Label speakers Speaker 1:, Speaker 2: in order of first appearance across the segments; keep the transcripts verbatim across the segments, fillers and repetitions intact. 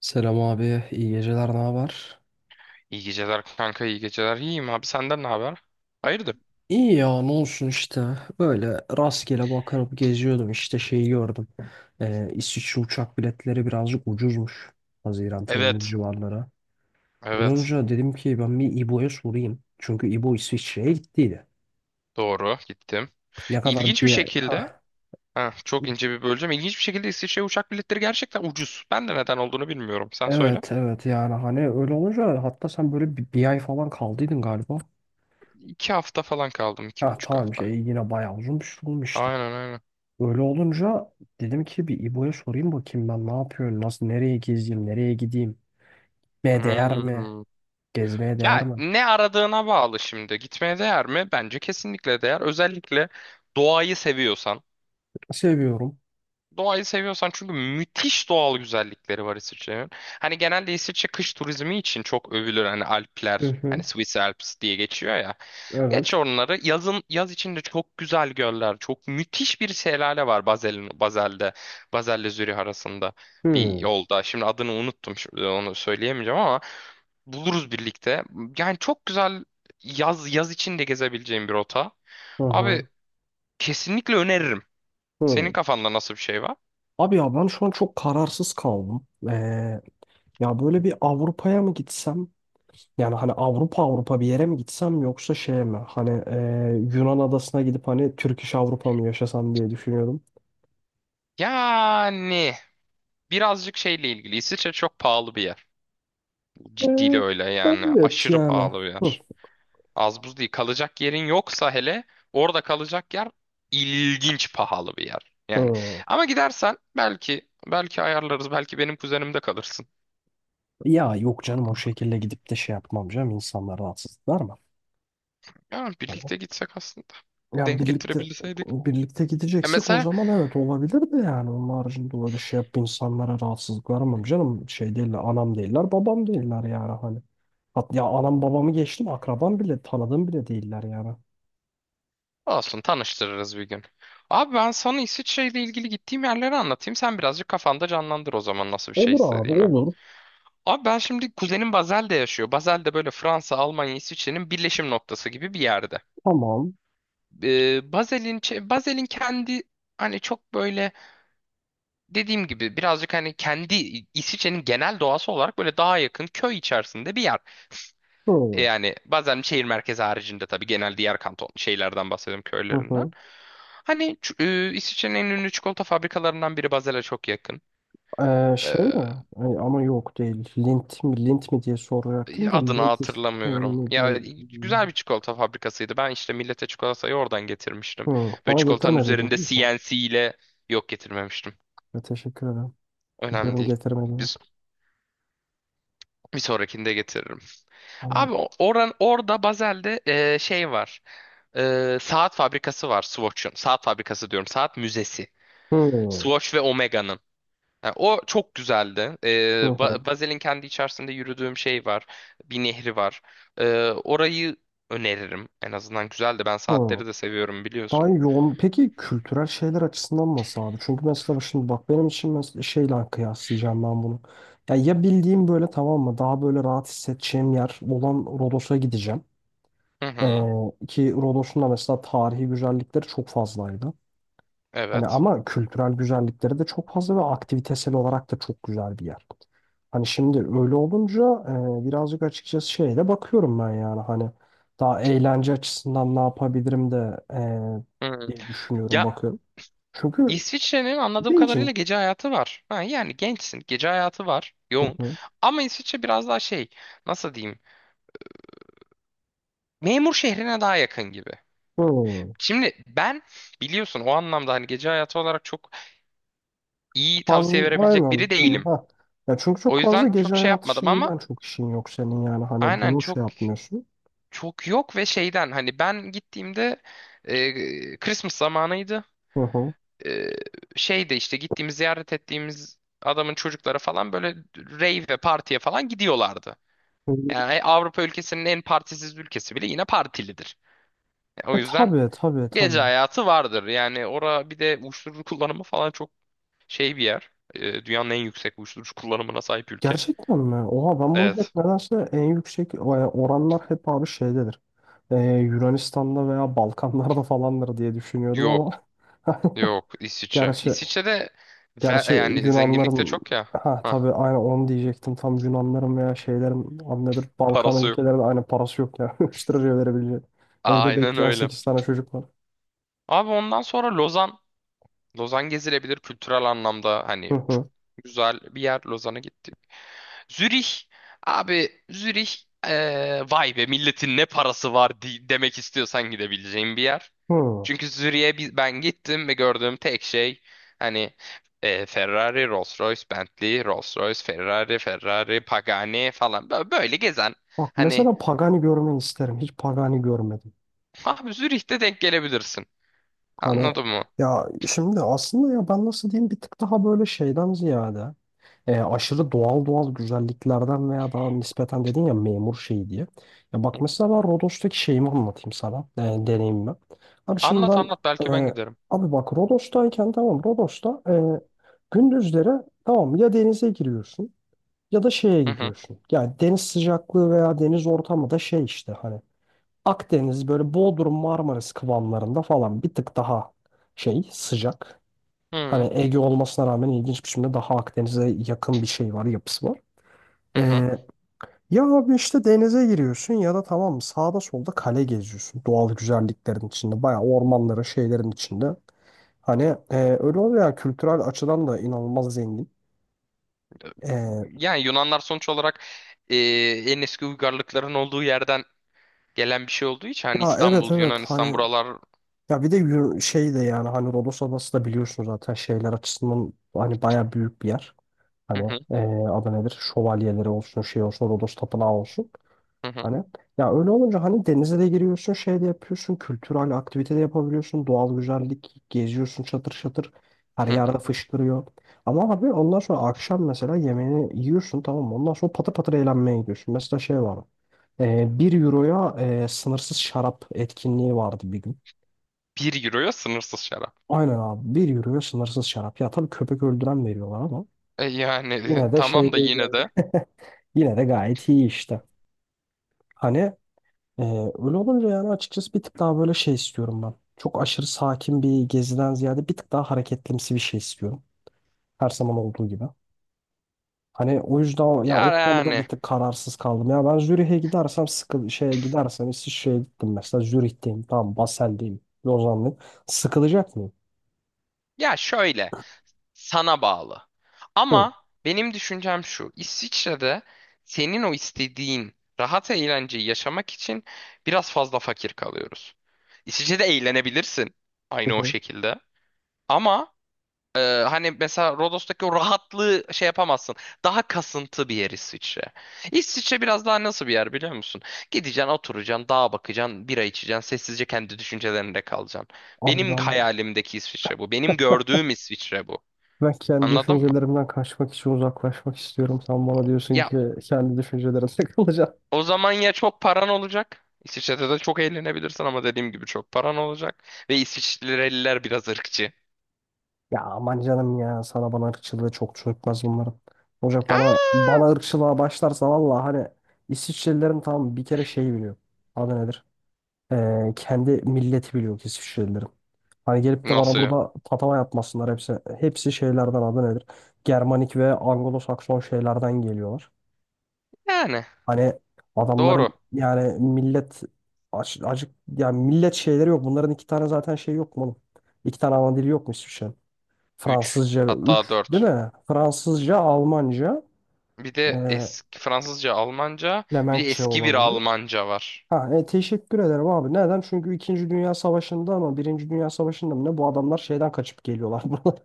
Speaker 1: Selam abi, iyi geceler, ne haber?
Speaker 2: İyi geceler kanka, iyi geceler. İyiyim abi, senden ne haber? Hayırdır?
Speaker 1: İyi ya, ne olsun işte. Böyle rastgele bakınıp geziyordum işte şeyi gördüm. Ee, İsviçre uçak biletleri birazcık ucuzmuş. Haziran, Temmuz
Speaker 2: Evet,
Speaker 1: civarları. Öyle
Speaker 2: evet.
Speaker 1: olunca dedim ki ben bir İbo'ya sorayım. Çünkü İbo İsviçre'ye gittiydi.
Speaker 2: Doğru, gittim.
Speaker 1: Ne kadar
Speaker 2: İlginç bir
Speaker 1: bir ay...
Speaker 2: şekilde,
Speaker 1: Hah.
Speaker 2: ha, çok ince bir böleceğim. İlginç bir şekilde İsviçre uçak biletleri gerçekten ucuz. Ben de neden olduğunu bilmiyorum. Sen söyle.
Speaker 1: Evet evet, yani hani öyle olunca hatta sen böyle bir, bir ay falan kaldıydın galiba.
Speaker 2: İki hafta falan kaldım, iki
Speaker 1: Ha
Speaker 2: buçuk
Speaker 1: tamam,
Speaker 2: hafta.
Speaker 1: şey yine bayağı uzun bir şey olmuş işte.
Speaker 2: Aynen aynen.
Speaker 1: Öyle olunca dedim ki bir İbo'ya sorayım bakayım ben ne yapıyorum, nasıl, nereye gezeyim, nereye gideyim, ne değer mi,
Speaker 2: Hmm.
Speaker 1: gezmeye değer
Speaker 2: Ya
Speaker 1: mi?
Speaker 2: ne aradığına bağlı şimdi. Gitmeye değer mi? Bence kesinlikle değer. Özellikle doğayı seviyorsan.
Speaker 1: Seviyorum.
Speaker 2: Doğayı seviyorsan çünkü müthiş doğal güzellikleri var İsviçre'nin. Hani genelde İsviçre kış turizmi için çok övülür. Hani
Speaker 1: Hı
Speaker 2: Alpler, hani
Speaker 1: hı,
Speaker 2: Swiss Alps diye geçiyor ya. Geç
Speaker 1: evet.
Speaker 2: onları. Yazın yaz içinde çok güzel göller, çok müthiş bir şelale var Basel'in Basel'de Baselle Zürih arasında bir
Speaker 1: Hı
Speaker 2: yolda. Şimdi adını unuttum. Şimdi onu söyleyemeyeceğim ama buluruz birlikte. Yani çok güzel yaz yaz içinde gezebileceğim bir rota.
Speaker 1: hı
Speaker 2: Abi
Speaker 1: hı.
Speaker 2: kesinlikle öneririm. Senin
Speaker 1: Hı.
Speaker 2: kafanda nasıl bir şey var?
Speaker 1: Abi ya ben şu an çok kararsız kaldım. Ee, ya böyle bir Avrupa'ya mı gitsem? Yani hani Avrupa Avrupa bir yere mi gitsem yoksa şeye mi? Hani e, Yunan adasına gidip hani Türk iş Avrupa mı yaşasam diye düşünüyordum.
Speaker 2: Yani birazcık şeyle ilgili. İsviçre çok pahalı bir yer. Ciddiyle
Speaker 1: Ee,
Speaker 2: öyle yani.
Speaker 1: evet
Speaker 2: Aşırı
Speaker 1: yani.
Speaker 2: pahalı bir
Speaker 1: Hı.
Speaker 2: yer. Az buz değil. Kalacak yerin yoksa hele orada kalacak yer ilginç pahalı bir yer. Yani
Speaker 1: Hı.
Speaker 2: ama gidersen belki belki ayarlarız. Belki benim kuzenimde kalırsın.
Speaker 1: Ya yok canım, o şekilde gidip de şey yapmam canım, insanlar rahatsız eder mi?
Speaker 2: Yani
Speaker 1: Hani,
Speaker 2: birlikte gitsek aslında.
Speaker 1: ya
Speaker 2: Denk
Speaker 1: birlikte,
Speaker 2: getirebilseydik.
Speaker 1: birlikte
Speaker 2: E
Speaker 1: gideceksek o
Speaker 2: mesela
Speaker 1: zaman evet olabilir de yani onun haricinde öyle şey yap, insanlara rahatsızlık vermem canım, şey değiller, anam değiller, babam değiller yani hani. Hat, ya anam babamı geçtim akrabam bile, tanıdığım bile değiller yani.
Speaker 2: olsun tanıştırırız bir gün. Abi ben sana İsviçre ile ilgili gittiğim yerleri anlatayım. Sen birazcık kafanda canlandır o zaman nasıl bir şey
Speaker 1: Olur abi,
Speaker 2: istediğini.
Speaker 1: olur
Speaker 2: Abi ben şimdi kuzenim Basel'de yaşıyor. Basel'de böyle Fransa, Almanya, İsviçre'nin birleşim noktası gibi bir yerde.
Speaker 1: tamam.
Speaker 2: Ee, Basel'in çe- Basel'in kendi hani çok böyle dediğim gibi birazcık hani kendi İsviçre'nin genel doğası olarak böyle daha yakın köy içerisinde bir yer. E,
Speaker 1: Hı.
Speaker 2: Yani bazen şehir merkezi haricinde tabii genel diğer kanton şeylerden bahsediyorum
Speaker 1: Hı
Speaker 2: köylerinden.
Speaker 1: hı.
Speaker 2: Hani ç- e, İsviçre'nin en ünlü çikolata fabrikalarından biri Basel'e çok yakın.
Speaker 1: Ee, şey
Speaker 2: Ee,
Speaker 1: mi? Ay, ama yok değil. Lint mi, lint mi diye soracaktım da
Speaker 2: Adını
Speaker 1: lint is-
Speaker 2: hatırlamıyorum. Ya güzel bir çikolata fabrikasıydı. Ben işte millete çikolatayı oradan getirmiştim.
Speaker 1: Hı,
Speaker 2: Böyle
Speaker 1: bana
Speaker 2: çikolatanın
Speaker 1: getirme dedin
Speaker 2: üzerinde
Speaker 1: değil mi?
Speaker 2: C N C ile yok getirmemiştim.
Speaker 1: Ya teşekkür ederim.
Speaker 2: Önemli
Speaker 1: Gidiyorum
Speaker 2: değil.
Speaker 1: getirmediğine.
Speaker 2: Biz bir sonrakinde getiririm.
Speaker 1: Aynen.
Speaker 2: Abi o- oran orada Bazel'de e, şey var. E, saat fabrikası var Swatch'ın. Saat fabrikası diyorum. Saat müzesi.
Speaker 1: Hı, hı,
Speaker 2: Swatch ve Omega'nın. Ha, o çok güzeldi. Ee,
Speaker 1: hı,
Speaker 2: Ba- Bazel'in kendi içerisinde yürüdüğüm şey var. Bir nehri var. Ee, orayı öneririm. En azından güzeldi. Ben
Speaker 1: hı.
Speaker 2: saatleri de seviyorum
Speaker 1: Daha
Speaker 2: biliyorsun.
Speaker 1: yoğun. Peki kültürel şeyler açısından nasıl abi? Çünkü mesela şimdi bak benim için mesela şeyle kıyaslayacağım ben bunu. Ya, ya bildiğim böyle, tamam mı? Daha böyle rahat hissedeceğim yer olan Rodos'a gideceğim.
Speaker 2: Hı hı.
Speaker 1: Ee, Ki Rodos'un da mesela tarihi güzellikleri çok fazlaydı. Hani
Speaker 2: Evet.
Speaker 1: ama kültürel güzellikleri de çok fazla ve aktivitesel olarak da çok güzel bir yer. Hani şimdi öyle olunca e, birazcık açıkçası şeye de bakıyorum ben, yani hani daha eğlence açısından ne yapabilirim de e,
Speaker 2: Hı.
Speaker 1: diye düşünüyorum,
Speaker 2: Ya
Speaker 1: bakıyorum. Çünkü
Speaker 2: İsviçre'nin anladığım kadarıyla
Speaker 1: gencim.
Speaker 2: gece hayatı var. Ha, yani gençsin. Gece hayatı var.
Speaker 1: Hı
Speaker 2: Yoğun.
Speaker 1: hı.
Speaker 2: Ama İsviçre biraz daha şey, nasıl diyeyim. Memur şehrine daha yakın gibi.
Speaker 1: Hı.
Speaker 2: Şimdi ben biliyorsun o anlamda hani gece hayatı olarak çok iyi
Speaker 1: Fazla
Speaker 2: tavsiye verebilecek
Speaker 1: aynen
Speaker 2: biri
Speaker 1: hani,
Speaker 2: değilim.
Speaker 1: ha. Ya çünkü
Speaker 2: O
Speaker 1: çok fazla
Speaker 2: yüzden
Speaker 1: gece
Speaker 2: çok şey
Speaker 1: hayatı
Speaker 2: yapmadım
Speaker 1: şeyi
Speaker 2: ama
Speaker 1: ben çok işin yok senin yani hani
Speaker 2: aynen
Speaker 1: bunu
Speaker 2: çok
Speaker 1: şey yapmıyorsun.
Speaker 2: çok yok ve şeyden hani ben gittiğimde e, Christmas zamanıydı.
Speaker 1: Hı hı.
Speaker 2: E, Şeyde işte gittiğimiz ziyaret ettiğimiz adamın çocukları falan böyle rave ve partiye falan gidiyorlardı.
Speaker 1: Hı.
Speaker 2: Yani Avrupa ülkesinin en partisiz ülkesi bile yine partilidir. E, O
Speaker 1: E
Speaker 2: yüzden
Speaker 1: tabii tabii
Speaker 2: gece
Speaker 1: tabii.
Speaker 2: hayatı vardır. Yani ora bir de uyuşturucu kullanımı falan çok şey bir yer. E, dünyanın en yüksek uyuşturucu kullanımına sahip ülke.
Speaker 1: Gerçekten mi? Oha, ben bunu hep
Speaker 2: Evet.
Speaker 1: nedense en yüksek e, oranlar hep abi şeydedir. Ee, Yunanistan'da veya Balkanlarda falandır diye düşünüyordum ama
Speaker 2: Yok. Yok İsviçre.
Speaker 1: gerçi,
Speaker 2: İsviçre'de ve- e,
Speaker 1: gerçi
Speaker 2: yani zenginlik de
Speaker 1: Yunanların,
Speaker 2: çok ya.
Speaker 1: ha
Speaker 2: Hah,
Speaker 1: tabii aynı onu diyecektim, tam Yunanların veya şeylerin adı nedir, Balkan
Speaker 2: parası yok.
Speaker 1: ülkelerinde aynı parası yok ya üç liraya verebilecek. Evde
Speaker 2: Aynen
Speaker 1: bekleyen
Speaker 2: öyle.
Speaker 1: sekiz tane çocuk var.
Speaker 2: Abi ondan sonra Lozan. Lozan gezilebilir kültürel anlamda.
Speaker 1: Hı
Speaker 2: Hani çok
Speaker 1: hı.
Speaker 2: güzel bir yer. Lozan'a gittik. Zürih abi Zürih, eee, vay be milletin ne parası var di- demek istiyorsan gidebileceğin bir yer.
Speaker 1: Hı.
Speaker 2: Çünkü Zürih'e bi- ben gittim ve gördüğüm tek şey hani eee, Ferrari, Rolls-Royce, Bentley, Rolls-Royce, Ferrari, Ferrari, Pagani falan, Bö- böyle gezen
Speaker 1: Bak
Speaker 2: hani
Speaker 1: mesela Pagani görmeyi isterim. Hiç Pagani görmedim.
Speaker 2: abi Zürih'te denk gelebilirsin.
Speaker 1: Hani
Speaker 2: Anladın mı?
Speaker 1: ya şimdi aslında ya ben nasıl diyeyim, bir tık daha böyle şeyden ziyade e, aşırı doğal, doğal güzelliklerden veya daha nispeten dedin ya memur şeyi diye. Ya
Speaker 2: Hı
Speaker 1: bak
Speaker 2: hı.
Speaker 1: mesela ben Rodos'taki şeyimi anlatayım sana. E, deneyimimi. Abi şimdi
Speaker 2: Anlat
Speaker 1: ben
Speaker 2: anlat belki ben
Speaker 1: e,
Speaker 2: giderim.
Speaker 1: abi bak Rodos'tayken, tamam Rodos'ta, e, gündüzleri tamam ya denize giriyorsun ya da şeye
Speaker 2: Hı hı.
Speaker 1: gidiyorsun. Yani deniz sıcaklığı veya deniz ortamı da şey işte hani Akdeniz böyle Bodrum Marmaris kıvamlarında falan bir tık daha şey sıcak.
Speaker 2: Hı
Speaker 1: Hani
Speaker 2: hı.
Speaker 1: Ege olmasına rağmen ilginç bir biçimde daha Akdeniz'e yakın bir şey var, yapısı var.
Speaker 2: Hı hı.
Speaker 1: Ee, Ya abi işte denize giriyorsun ya da tamam sağda solda kale geziyorsun. Doğal güzelliklerin içinde, bayağı ormanların, şeylerin içinde. Hani e, öyle oluyor ya, kültürel açıdan da inanılmaz zengin. Ee,
Speaker 2: Yani Yunanlar sonuç olarak eee, en eski uygarlıkların olduğu yerden gelen bir şey olduğu için hani
Speaker 1: Ya evet
Speaker 2: İstanbul,
Speaker 1: evet
Speaker 2: Yunanistan
Speaker 1: hani,
Speaker 2: buralar.
Speaker 1: ya bir de yürü- şey de yani hani Rodos Adası da biliyorsun zaten şeyler açısından hani bayağı büyük bir yer.
Speaker 2: Hı
Speaker 1: Hani
Speaker 2: hı,
Speaker 1: e, adı nedir? Şövalyeleri olsun, şey olsun, Rodos Tapınağı olsun.
Speaker 2: hı hı,
Speaker 1: Hani ya öyle olunca hani denize de giriyorsun, şey de yapıyorsun, kültürel aktivite de yapabiliyorsun, doğal güzellik, geziyorsun çatır çatır, her
Speaker 2: hı hı.
Speaker 1: yerde fışkırıyor. Ama abi ondan sonra akşam mesela yemeğini yiyorsun, tamam mı? Ondan sonra patır patır eğlenmeye gidiyorsun. Mesela şey var, e, bir euroya e, sınırsız şarap etkinliği vardı bir gün.
Speaker 2: Bir euroya sınırsız şarap.
Speaker 1: Aynen abi, bir euroya sınırsız şarap. Ya tabii köpek öldüren veriyorlar ama
Speaker 2: E yani, e,
Speaker 1: yine de
Speaker 2: tamam
Speaker 1: şey
Speaker 2: da
Speaker 1: değil
Speaker 2: yine
Speaker 1: yani.
Speaker 2: de,
Speaker 1: Yine de gayet iyi işte. Hani. Ee, Öyle olunca yani açıkçası bir tık daha böyle şey istiyorum ben. Çok aşırı sakin bir geziden ziyade bir tık daha hareketlimsi bir şey istiyorum. Her zaman olduğu gibi. Hani o yüzden o- ya o
Speaker 2: ya
Speaker 1: konuda
Speaker 2: yani,
Speaker 1: bir tık kararsız kaldım. Ya ben Zürih'e gidersem, sıkı şeye gidersem, İsviçre'ye gittim mesela, Zürih'teyim, tamam Basel'deyim, Lozan'dayım. Sıkılacak mıyım?
Speaker 2: ya şöyle, sana bağlı.
Speaker 1: Hı
Speaker 2: Ama benim düşüncem şu. İsviçre'de senin o istediğin rahat eğlenceyi yaşamak için biraz fazla fakir kalıyoruz. İsviçre'de eğlenebilirsin
Speaker 1: hı.
Speaker 2: aynı o
Speaker 1: Hı.
Speaker 2: şekilde. Ama Ee, hani mesela Rodos'taki o rahatlığı şey yapamazsın. Daha kasıntı bir yer İsviçre. İsviçre biraz daha nasıl bir yer biliyor musun? Gideceksin, oturacaksın, dağa bakacaksın, bira içeceksin, sessizce kendi düşüncelerinde kalacaksın.
Speaker 1: Abi
Speaker 2: Benim
Speaker 1: ben
Speaker 2: hayalimdeki İsviçre bu. Benim gördüğüm İsviçre bu.
Speaker 1: ben kendi
Speaker 2: Anladın mı?
Speaker 1: düşüncelerimden kaçmak için uzaklaşmak istiyorum. Sen bana diyorsun
Speaker 2: Ya
Speaker 1: ki kendi düşüncelerine takılacağım.
Speaker 2: o zaman ya çok paran olacak. İsviçre'de de çok eğlenebilirsin ama dediğim gibi çok paran olacak. Ve İsviçreliler biraz ırkçı.
Speaker 1: Ya aman canım, ya sana bana ırkçılığı çok çökmez bunların. Olacak, bana
Speaker 2: Aa!
Speaker 1: bana ırkçılığa başlarsa valla hani İsviçrelilerin tam bir kere şeyi biliyor. Adı nedir? Ee, kendi milleti biliyor ki İsviçrelilerin. Hani gelip de bana
Speaker 2: Nasıl ya?
Speaker 1: burada tatava yapmasınlar hepsi. Hepsi şeylerden, adı nedir? Germanik ve Anglo-Sakson şeylerden geliyorlar.
Speaker 2: Yani
Speaker 1: Hani adamların
Speaker 2: doğru.
Speaker 1: yani millet aç- acık, yani millet şeyleri yok. Bunların iki tane zaten şey yok mu oğlum? İki tane ana dili yok mu İsviçre'nin?
Speaker 2: Üç,
Speaker 1: Fransızca
Speaker 2: hatta
Speaker 1: üç değil
Speaker 2: dört.
Speaker 1: mi? Fransızca, Almanca,
Speaker 2: Bir
Speaker 1: e,
Speaker 2: de eski Fransızca, Almanca, bir de
Speaker 1: Flemenkçe
Speaker 2: eski bir
Speaker 1: olabilir.
Speaker 2: Almanca var.
Speaker 1: Ha, e, teşekkür ederim abi. Neden? Çünkü İkinci Dünya Savaşı'nda mı, Birinci Dünya Savaşı'nda mı, ne, bu adamlar şeyden kaçıp geliyorlar. Bunlar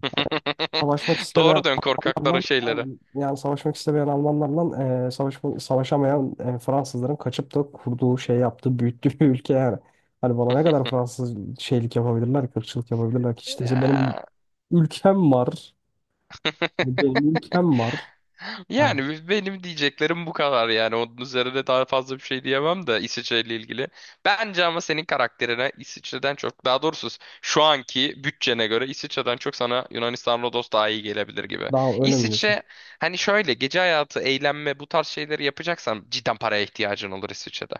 Speaker 1: savaşmak istemeyen
Speaker 2: Doğru, dön korkakların
Speaker 1: Almanlarla,
Speaker 2: şeyleri.
Speaker 1: aynen, yani savaşmak istemeyen Almanlarla e, savaşma- savaşamayan e, Fransızların kaçıp da kurduğu, şey yaptığı, büyüttüğü bir ülke yani. Hani bana ne kadar Fransız şeylik yapabilirler, kırkçılık yapabilirler ki, işte benim
Speaker 2: Ya.
Speaker 1: ülkem var, benim ülkem var. Hani.
Speaker 2: Yani benim diyeceklerim bu kadar, yani onun üzerine daha fazla bir şey diyemem de İsviçre ile ilgili. Bence ama senin karakterine İsviçre'den çok, daha doğrusu şu anki bütçene göre İsviçre'den çok sana Yunanistan, Rodos daha iyi gelebilir gibi.
Speaker 1: Daha önemli şey.
Speaker 2: İsviçre hani, şöyle gece hayatı, eğlenme bu tarz şeyleri yapacaksan cidden paraya ihtiyacın olur İsviçre'de.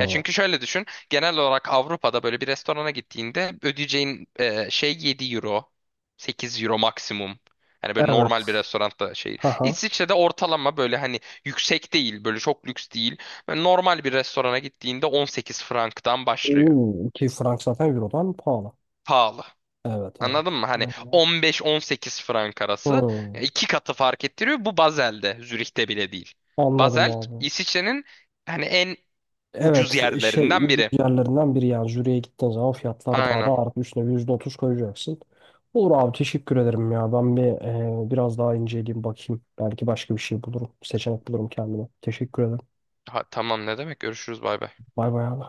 Speaker 2: Ya çünkü şöyle düşün, genel olarak Avrupa'da böyle bir restorana gittiğinde ödeyeceğin e, şey yedi euro, sekiz euro maksimum. Hani böyle normal bir
Speaker 1: Evet.
Speaker 2: restoranda şey,
Speaker 1: Haha.
Speaker 2: İsviçre'de ortalama böyle hani yüksek değil, böyle çok lüks değil. Böyle normal bir restorana gittiğinde on sekiz franktan başlıyor.
Speaker 1: Hmm. Ki frank zaten Euro'dan pahalı.
Speaker 2: Pahalı.
Speaker 1: Evet evet.
Speaker 2: Anladın mı? Hani
Speaker 1: Öyle.
Speaker 2: on beş on sekiz frank arası.
Speaker 1: Hmm.
Speaker 2: Ya iki katı fark ettiriyor. Bu Basel'de, Zürih'te bile değil.
Speaker 1: Anladım
Speaker 2: Basel,
Speaker 1: abi.
Speaker 2: İsviçre'nin hani en ucuz
Speaker 1: Evet, şey
Speaker 2: yerlerinden
Speaker 1: ucuz
Speaker 2: biri.
Speaker 1: yerlerinden biri, yani jüriye gittiğin zaman fiyatlar daha
Speaker 2: Aynen.
Speaker 1: da artı üstüne yüzde otuz koyacaksın. Olur abi, teşekkür ederim ya. Ben bir e, biraz daha inceleyeyim bakayım. Belki başka bir şey bulurum. Seçenek bulurum kendime. Teşekkür ederim.
Speaker 2: Ha, tamam, ne demek? Görüşürüz, bay bay.
Speaker 1: Bay bay abi.